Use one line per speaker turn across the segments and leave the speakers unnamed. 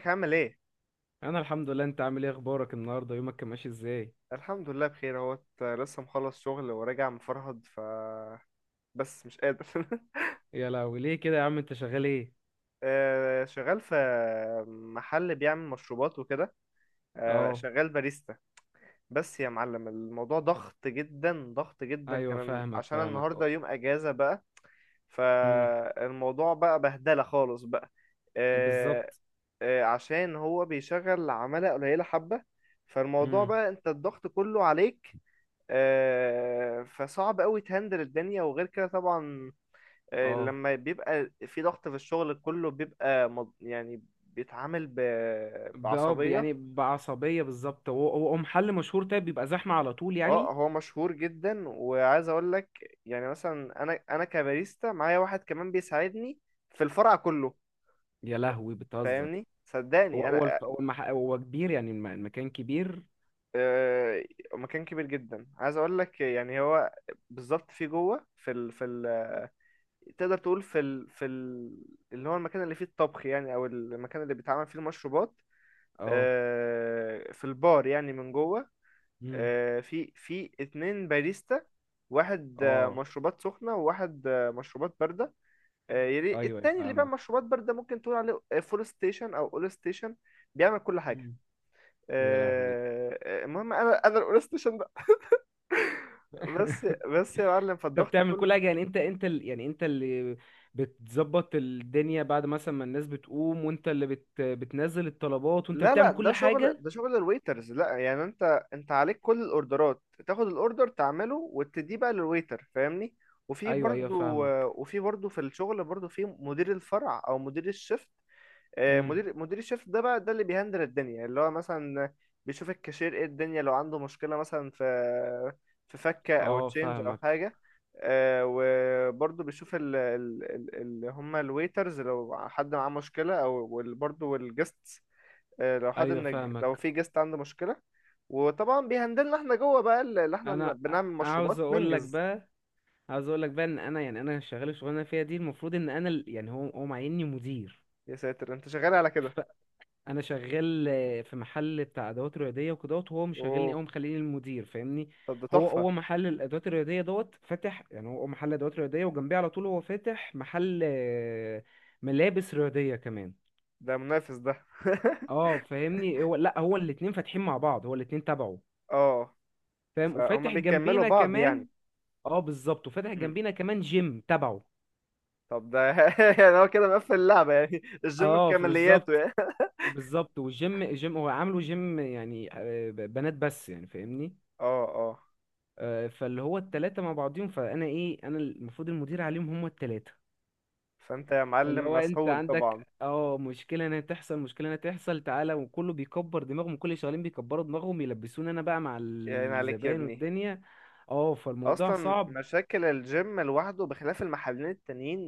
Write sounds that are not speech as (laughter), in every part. ازيك عامل ايه؟
انا الحمد لله. انت عامل ايه؟ اخبارك؟ النهارده يومك كان ماشي ازاي؟
الحمد لله بخير اهوت لسه مخلص شغل وراجع مفرهد ف بس مش قادر (laughs)
يا لهوي، ليه كده يا عم؟ انت شغال ايه؟
شغال في محل بيعمل مشروبات وكده.
اه.
شغال باريستا. بس يا معلم الموضوع ضغط جدا، ضغط جدا
ايوه
كان
فاهمك
عشان
فاهمك،
النهارده
اه.
يوم اجازة بقى.
امم.
فالموضوع بقى بهدلة خالص بقى. آه،
بالظبط.
عشان هو بيشغل عمالة قليلة حبة، فالموضوع
امم.
بقى انت الضغط كله عليك. فصعب قوي تهندل الدنيا. وغير كده طبعا،
اه
لما بيبقى في ضغط في الشغل كله بيبقى يعني بيتعامل بعصبية.
يعني بعصبيه، بالظبط. هو محل مشهور؟ طيب بيبقى زحمه على طول
اه،
يعني؟
هو مشهور جدا وعايز اقول لك يعني، مثلا انا كباريستا معايا واحد كمان بيساعدني في الفرع كله.
يا لهوي بتهزر!
فاهمني،
هو
صدقني انا
هو الف... هو, المح... هو كبير يعني؟ المكان كبير؟
آه، مكان كبير جدا. عايز اقول لك يعني، هو بالظبط في جوه في ال تقدر تقول اللي هو المكان اللي فيه الطبخ يعني، او المكان اللي بيتعمل فيه المشروبات.
اه.
في البار يعني من جوه.
امم.
في اتنين باريستا، واحد
اه.
مشروبات سخنة وواحد مشروبات باردة.
ايوه
التاني اللي بيعمل
فاهمك.
مشروبات باردة ممكن تقول عليه فول ستيشن او اول ستيشن، بيعمل كل حاجة.
مم. يا لهوي.
المهم انا الاول ستيشن. بس
(laughs)
بس يا معلم
انت
فالضغط
بتعمل
كله.
كل حاجه يعني؟ انت اللي بتظبط الدنيا بعد مثلا ما الناس بتقوم، وانت اللي بتنزل الطلبات، وانت اللي
لا،
بتعمل كل حاجه؟
ده شغل الويترز، لا يعني انت عليك كل الاوردرات، تاخد الاوردر تعمله وتديه بقى للويتر فاهمني.
ايوه ايوه فاهمك.
وفي برضو في الشغل برضو في مدير الفرع او مدير الشفت.
امم.
مدير الشفت ده بقى، ده اللي بيهندل الدنيا، اللي هو مثلا بيشوف الكاشير ايه الدنيا، لو عنده مشكلة مثلا في فكة او
اه
تشينج او
فاهمك.
حاجة. وبرضو بيشوف اللي هم الويترز لو حد معاه مشكلة، برضو الجستس. لو حد
ايوه
لو
فاهمك.
في جيست عنده مشكلة. وطبعا بيهندلنا احنا جوه بقى اللي احنا
انا
بنعمل
عاوز
مشروبات
اقول لك
ننجز.
بقى، عاوز اقول لك بقى ان انا، يعني انا شغال الشغلانه اللي أنا فيها دي، المفروض ان انا يعني هو معيني مدير.
يا ساتر، انت شغال على كده!
انا شغال في محل بتاع ادوات رياضيه وكدهوت، وهو مشغلني
اوه،
او مخليني المدير، فاهمني.
طب ده
هو
تحفة!
هو محل الادوات الرياضيه دوت فاتح يعني، هو محل ادوات رياضيه، وجنبيه على طول هو فاتح محل ملابس رياضيه كمان.
ده منافس ده (laughs)
اه فاهمني، هو لا، هو الاتنين فاتحين مع بعض، هو الاتنين تبعه.
اه،
فاهم،
فهم
وفاتح
بيكملوا
جنبينا
بعض
كمان.
يعني.
اه بالظبط، وفاتح
مم.
جنبينا كمان جيم تبعه.
طب ده (laughs) يعني هو كده مقفل اللعبة يعني، الجيم بكمالياته
بالظبط
يعني.
بالظبط، والجيم جيم هو عامله جيم يعني، بنات بس يعني، فاهمني.
(laughs) اه، اه.
فاللي هو التلاتة مع بعضيهم، فأنا إيه، أنا المفروض المدير عليهم هما التلاتة.
فانت يا
فاللي
معلم
هو أنت
مسحول طبعا.
عندك اه مشكلة هنا تحصل، مشكلة هنا تحصل، تعالى، وكله بيكبر دماغهم، كل اللي شغالين بيكبروا دماغهم، يلبسوني أنا بقى مع
يا عيني عليك يا
الزبائن
ابني!
والدنيا. اه فالموضوع
اصلا
صعب.
مشاكل الجيم لوحده بخلاف المحلين التانيين،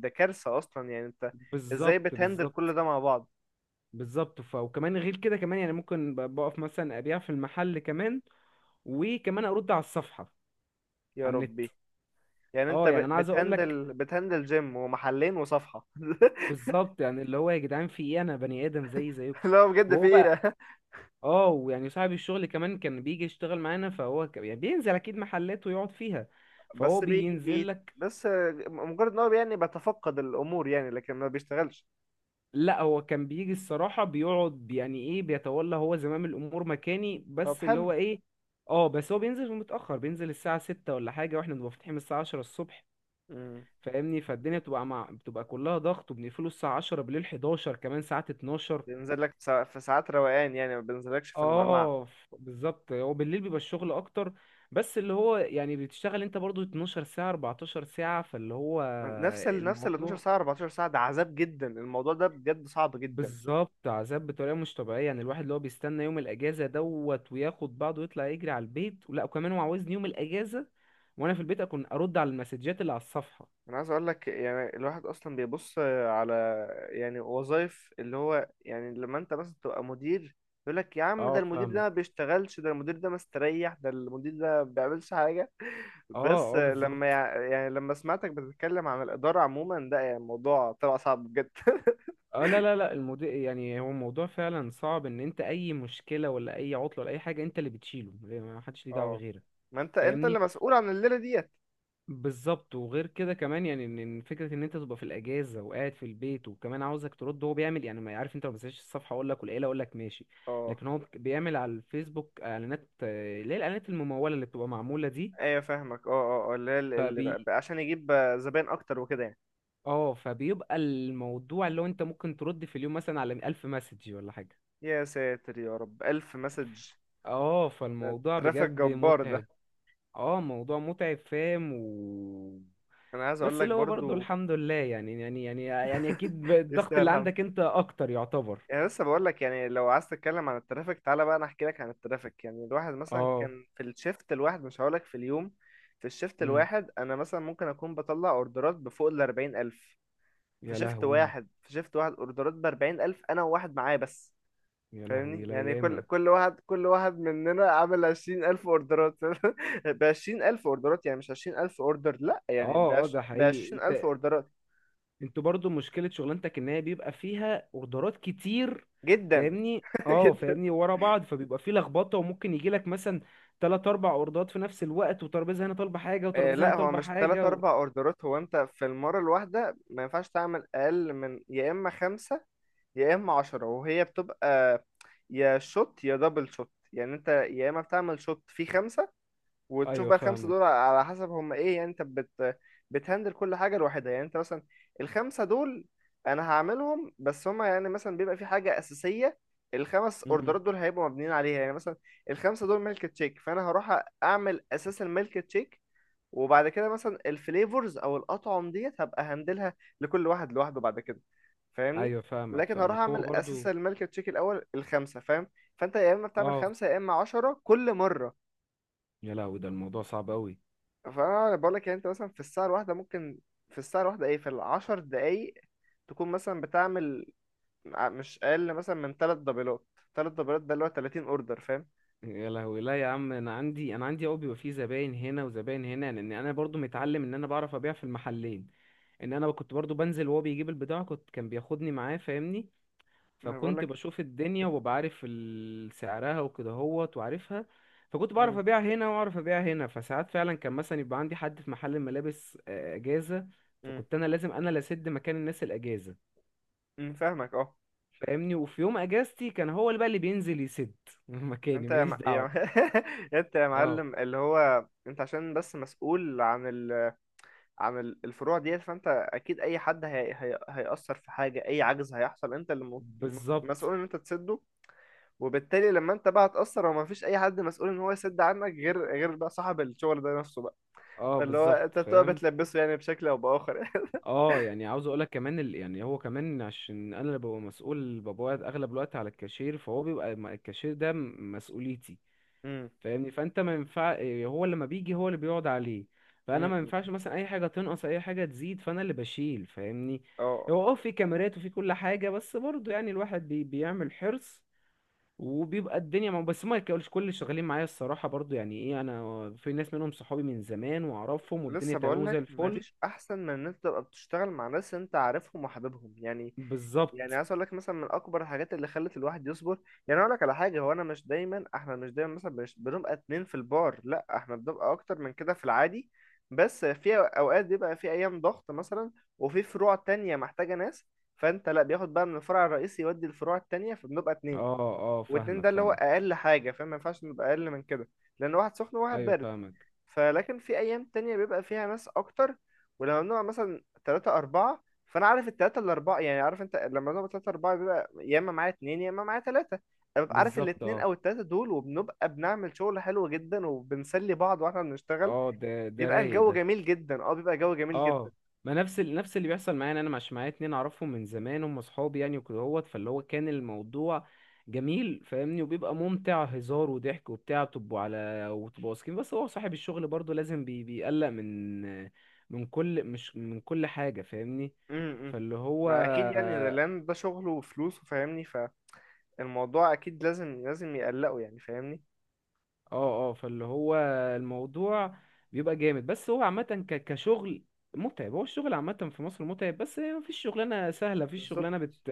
ده كارثة اصلا. يعني انت ازاي
بالظبط
بتهندل كل
بالظبط.
ده مع بعض؟
بالظبط، وكمان غير كده، كمان يعني ممكن بقف مثلا أبيع في المحل كمان، وكمان أرد على الصفحة
يا
على النت.
ربي، يعني انت
اه يعني أنا عايز أقولك،
بتهندل جيم ومحلين وصفحة (laughs)
بالظبط يعني اللي هو يا جدعان في إيه، أنا بني آدم زي زيكم.
لا بجد في
وهو بقى
ايه؟
اه، ويعني صاحب الشغل كمان كان بيجي يشتغل معانا، يعني بينزل اكيد محلات ويقعد فيها، فهو
بس بي
بينزل
بي
لك.
بس مجرد ان هو يعني بيتفقد الامور يعني، لكن ما بيشتغلش.
لا، هو كان بيجي الصراحة بيقعد، يعني ايه، بيتولى هو زمام الامور مكاني،
طب
بس اللي
حلو.
هو ايه، اه، بس هو بينزل متأخر، بينزل الساعة 6 ولا حاجة، واحنا بنبقى فاتحين من الساعة 10 الصبح،
امم،
فاهمني. فالدنيا بتبقى كلها ضغط، وبنقفله الساعة 10 بالليل، 11، كمان ساعات 12.
بينزل لك في في ساعات روقان يعني، ما بينزلكش في المعمعة.
بالظبط هو بالليل بيبقى الشغل اكتر. بس اللي هو يعني بتشتغل انت برضو 12 ساعة 14 ساعة، فاللي هو
نفس ال 12
الموضوع
ساعة 14 ساعة، ده عذاب جدا، الموضوع ده بجد صعب جدا.
بالظبط عذاب بطريقة مش طبيعية، يعني الواحد اللي هو بيستنى يوم الاجازة دوت وياخد بعضه ويطلع يجري على البيت، ولا وكمان هو عاوزني يوم الاجازة وانا في البيت اكون ارد على المسجات اللي على الصفحة.
انا عايز اقول لك يعني، الواحد اصلا بيبص على يعني وظائف اللي هو يعني، لما انت مثلا تبقى مدير، يقول لك يا عم ده
اه
المدير ده
فاهمك.
ما بيشتغلش، ده المدير ده مستريح، ده المدير ده ما بيعملش حاجه. بس
اه اه
لما
بالظبط.
يعني لما سمعتك بتتكلم عن الاداره عموما، ده يعني موضوع طلع صعب بجد (laughs)
اه لا لا لا، الموضوع يعني، هو الموضوع فعلا صعب ان انت اي مشكلة ولا اي عطلة ولا اي حاجة انت اللي بتشيله، ما حدش ليه دعوة
اه.
غيرك،
ما انت اللي
فاهمني.
مسؤول عن الليله ديت.
بالظبط، وغير كده كمان يعني إن فكره ان انت تبقى في الاجازه وقاعد في البيت، وكمان عاوزك ترد، هو بيعمل يعني ما عارف، انت لو ما مسكتش الصفحه اقول لك والعيله اقول لك ماشي،
اه.
لكن هو بيعمل على الفيسبوك اعلانات، اللي هي الاعلانات المموله اللي بتبقى معموله دي.
ايوه فاهمك. اه اللي هي
فبي
بقى عشان يجيب زباين اكتر وكده يعني.
اه فبيبقى الموضوع اللي هو انت ممكن ترد في اليوم مثلا على 1000 مسج ولا حاجه.
يا ساتر يا رب، الف مسج!
اه
ده
فالموضوع
ترافيك
بجد
جبار ده.
متعب. اه موضوع متعب فاهم و.
انا عايز اقول
بس
لك
اللي هو برضه
برضو
الحمد لله، يعني اكيد
(laughs)
الضغط
يستاهل
اللي
الهم.
عندك انت اكتر يعتبر.
يعني لسه بقول لك يعني، لو عايز تتكلم عن الترافيك تعالى بقى انا احكي لك عن الترافيك. يعني الواحد مثلا
اه.
كان في الشيفت الواحد، مش هقول لك في اليوم، في الشيفت
امم.
الواحد انا مثلا ممكن اكون بطلع اوردرات بفوق ال 40,000. في
يا
شيفت
لهوي.
واحد، في شيفت واحد اوردرات ب 40,000، انا وواحد معايا بس.
يا لهوي،
فاهمني
لا
يعني كل
ياما.
كل واحد مننا عامل 20,000 اوردرات (laughs) ب 20,000 اوردرات يعني مش 20,000 اوردر لا يعني،
اه اه، ده
ب
حقيقي
20,000
انت؟
اوردرات.
انتوا برضو مشكلة شغلانتك ان هي بيبقى فيها اوردرات كتير،
جدا
فاهمني.
(laughs)
اه
جدا.
فاهمني، ورا بعض فبيبقى فيه لخبطة، وممكن يجيلك مثلا تلات اربع اوردرات في نفس الوقت، وترابيزة هنا طالبة حاجة، وترابيزة هنا
لا، هو
طالبة
مش تلات
حاجة و...
أربع أوردرات، هو أنت في المرة الواحدة ما ينفعش تعمل أقل من يا إما خمسة يا إما عشرة، وهي بتبقى يا شوت يا دبل شوت. يعني أنت يا إما بتعمل شوت فيه خمسة، وتشوف
ايوه
بقى الخمسة دول
فاهمك.
على حسب هما إيه. يعني أنت بتهندل كل حاجة لوحدها. يعني أنت مثلا الخمسة دول، أنا هعملهم بس هما يعني مثلا بيبقى في حاجة أساسية، الخمس أوردرات دول هيبقوا مبنيين عليها. يعني مثلا الخمسة دول ميلك تشيك، فأنا هروح أعمل أساس الميلك تشيك، وبعد كده مثلا الفليفرز او الاطعم ديت هبقى هندلها لكل واحد لوحده بعد كده. فاهمني.
ايوه فاهمك
لكن هروح
فاهمك، هو
اعمل اساس
برضو
الملك تشيك الاول الخمسه فاهم. فانت يا اما بتعمل
اه.
خمسه يا اما عشرة كل مره.
يا لهوي ده الموضوع صعب قوي.
فانا بقول لك يعني، انت مثلا في الساعه الواحده ممكن، في الساعه الواحده ايه، في العشر دقايق، تكون مثلا بتعمل مش اقل مثلا من ثلاث دبلات. ثلاث دبلات ده اللي هو 30 اوردر فاهم.
يا لهوي، لا يا عم، انا عندي قوي بيبقى فيه زباين هنا وزباين هنا، لان انا برضو متعلم ان انا بعرف ابيع في المحلين، ان انا كنت برضو بنزل وهو بيجيب البضاعه، كنت كان بياخدني معاه، فاهمني.
ما بقول
فكنت
لك.
بشوف الدنيا، وببقى عارف سعرها وكده هوت، وعارفها. فكنت بعرف
امم.
ابيع هنا، واعرف ابيع هنا، فساعات فعلا كان مثلا يبقى عندي حد في محل الملابس اجازه
امم.
فكنت انا لازم، انا اللي اسد مكان الناس الاجازه،
فاهمك اه.
فاهمني. وفي يوم اجازتي كان هو اللي بقى اللي بينزل يسد (laughs) مكاني،
انت
ماليش دعوه.
(laughs) انت يا
اه
معلم، اللي هو انت عشان بس مسؤول عن عن الفروع ديت، فانت اكيد اي حد هيأثر في حاجة، اي عجز هيحصل انت اللي
بالظبط.
مسؤول ان انت تسده. وبالتالي لما انت بقى هتأثر وما فيش اي حد مسؤول ان هو يسد عنك، غير بقى صاحب الشغل ده نفسه بقى.
اه
فاللي هو
بالظبط
انت بتبقى
فاهم.
بتلبسه يعني بشكل او باخر.
اه يعني عاوز اقولك كمان يعني هو كمان عشان انا اللي ببقى مسؤول، ببقى قاعد اغلب الوقت على الكاشير، فهو بيبقى الكاشير ده مسؤوليتي
(laughs) امم.
فاهمني. فانت ما ينفع إيه، هو لما بيجي هو اللي بيقعد عليه، فانا ما
امم.
ينفعش مثلا اي حاجه تنقص اي حاجه تزيد، فانا اللي بشيل، فاهمني.
اه.
هو اه في كاميرات وفي كل حاجه، بس برضه يعني الواحد بيعمل حرص، وبيبقى الدنيا ما بس ما كلش، كل اللي شغالين معايا الصراحة برضو يعني ايه، انا في ناس منهم صحابي من زمان واعرفهم، والدنيا
لسه
تمام
بقول
وزي
لك
الفل.
مفيش احسن من ان انت تبقى بتشتغل مع ناس انت عارفهم وحاببهم يعني. يعني
بالظبط
عايز اقول لك مثلا من اكبر الحاجات اللي خلت الواحد يصبر، يعني اقول لك على حاجه، هو انا مش دايما، احنا مش دايما مثلا مش بنبقى اتنين في البار، لا احنا بنبقى اكتر من كده في العادي. بس في اوقات بيبقى في ايام ضغط مثلا، وفي فروع تانية محتاجه ناس، فانت لا بياخد بقى من الفرع الرئيسي يودي الفروع التانية، فبنبقى اتنين.
اه. اه
واتنين
فاهمك
ده اللي هو
فاهمك.
اقل حاجه، فما ينفعش نبقى اقل من كده، لان واحد سخن وواحد
ايوه
بارد.
فاهمك.
فلكن في ايام تانية بيبقى فيها ناس اكتر، ولما بنبقى مثلا تلاتة اربعة، فانا عارف التلاتة الاربعة يعني. عارف انت، لما بنبقى تلاتة اربعة، بيبقى يا اما معايا اتنين يا اما معايا تلاتة. انا ببقى عارف
بالظبط
الاتنين
اه.
او التلاتة دول، وبنبقى بنعمل شغل حلو جدا وبنسلي بعض واحنا بنشتغل.
اه ده
بيبقى
رايق
الجو
ده.
جميل جدا، اه بيبقى جو جميل جدا.
اه. ما نفس نفس اللي بيحصل معايا، انا مش معايا اتنين اعرفهم من زمان هم اصحابي يعني وكده هوت، فاللي هو كان الموضوع جميل، فاهمني، وبيبقى ممتع، هزار وضحك وبتاع، بتبقوا على وتبقوا واثقين، بس هو صاحب الشغل برضو لازم بيقلق من كل، مش من كل حاجة، فاهمني.
امم.
فاللي هو
ما اكيد يعني، ده لان ده شغله وفلوسه فاهمني. فالموضوع اكيد لازم لازم يقلقه يعني، فاهمني.
اه، اه فاللي هو الموضوع بيبقى جامد، بس هو عامة كشغل متعب، هو الشغل عامة في مصر متعب، بس مفيش شغلانة سهلة، مفيش
بالظبط،
شغلانة بت...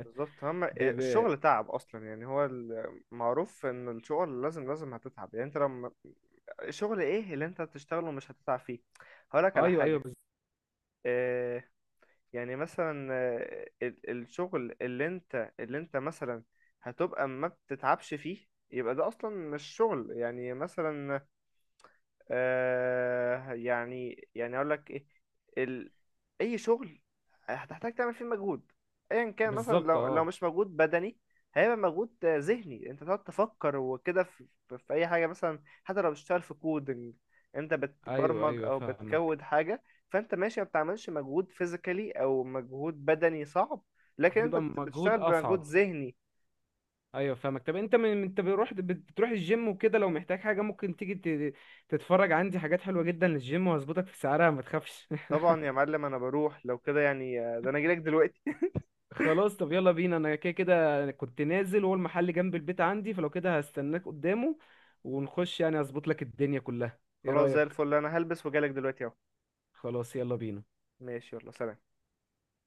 بالظبط، هم. الشغل تعب اصلا يعني، هو المعروف ان الشغل لازم لازم هتتعب يعني. انت لما الشغل ايه اللي انت هتشتغله مش هتتعب فيه؟ هقولك على
ايوه ايوه
حاجه. آه، يعني مثلا الشغل اللي انت مثلا هتبقى ما بتتعبش فيه، يبقى ده اصلا مش شغل. يعني مثلا اقول لك ايه، ال... اي شغل هتحتاج تعمل فيه مجهود، ايا كان. مثلا
بالظبط
لو
اه
مش مجهود بدني، هيبقى مجهود ذهني، انت تقعد تفكر وكده في، في اي حاجه مثلا. حتى لو بتشتغل في كودنج، انت
ايوه
بتبرمج
ايوه
او
فاهمك،
بتكود حاجه، فانت ماشي ما بتعملش مجهود فيزيكالي او مجهود بدني صعب، لكن
بيبقى
بتشتغل
مجهود
بمجهود
اصعب.
ذهني.
ايوه فاهمك، طب انت من، انت بتروح، الجيم وكده، لو محتاج حاجه ممكن تيجي تتفرج عندي حاجات حلوه جدا للجيم، وهظبطك في سعرها، ما تخافش.
طبعا يا معلم انا بروح لو كده يعني، ده انا جيلك دلوقتي (laughs)
(laughs) خلاص، طب يلا بينا، انا كده كده كنت نازل، وهو المحل جنب البيت عندي، فلو كده هستناك قدامه، ونخش، يعني اظبط لك الدنيا كلها. ايه
خلاص زي
رايك؟
الفل، انا هلبس وجالك دلوقتي اهو.
خلاص يلا بينا.
ماشي يلا سلام.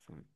سلام.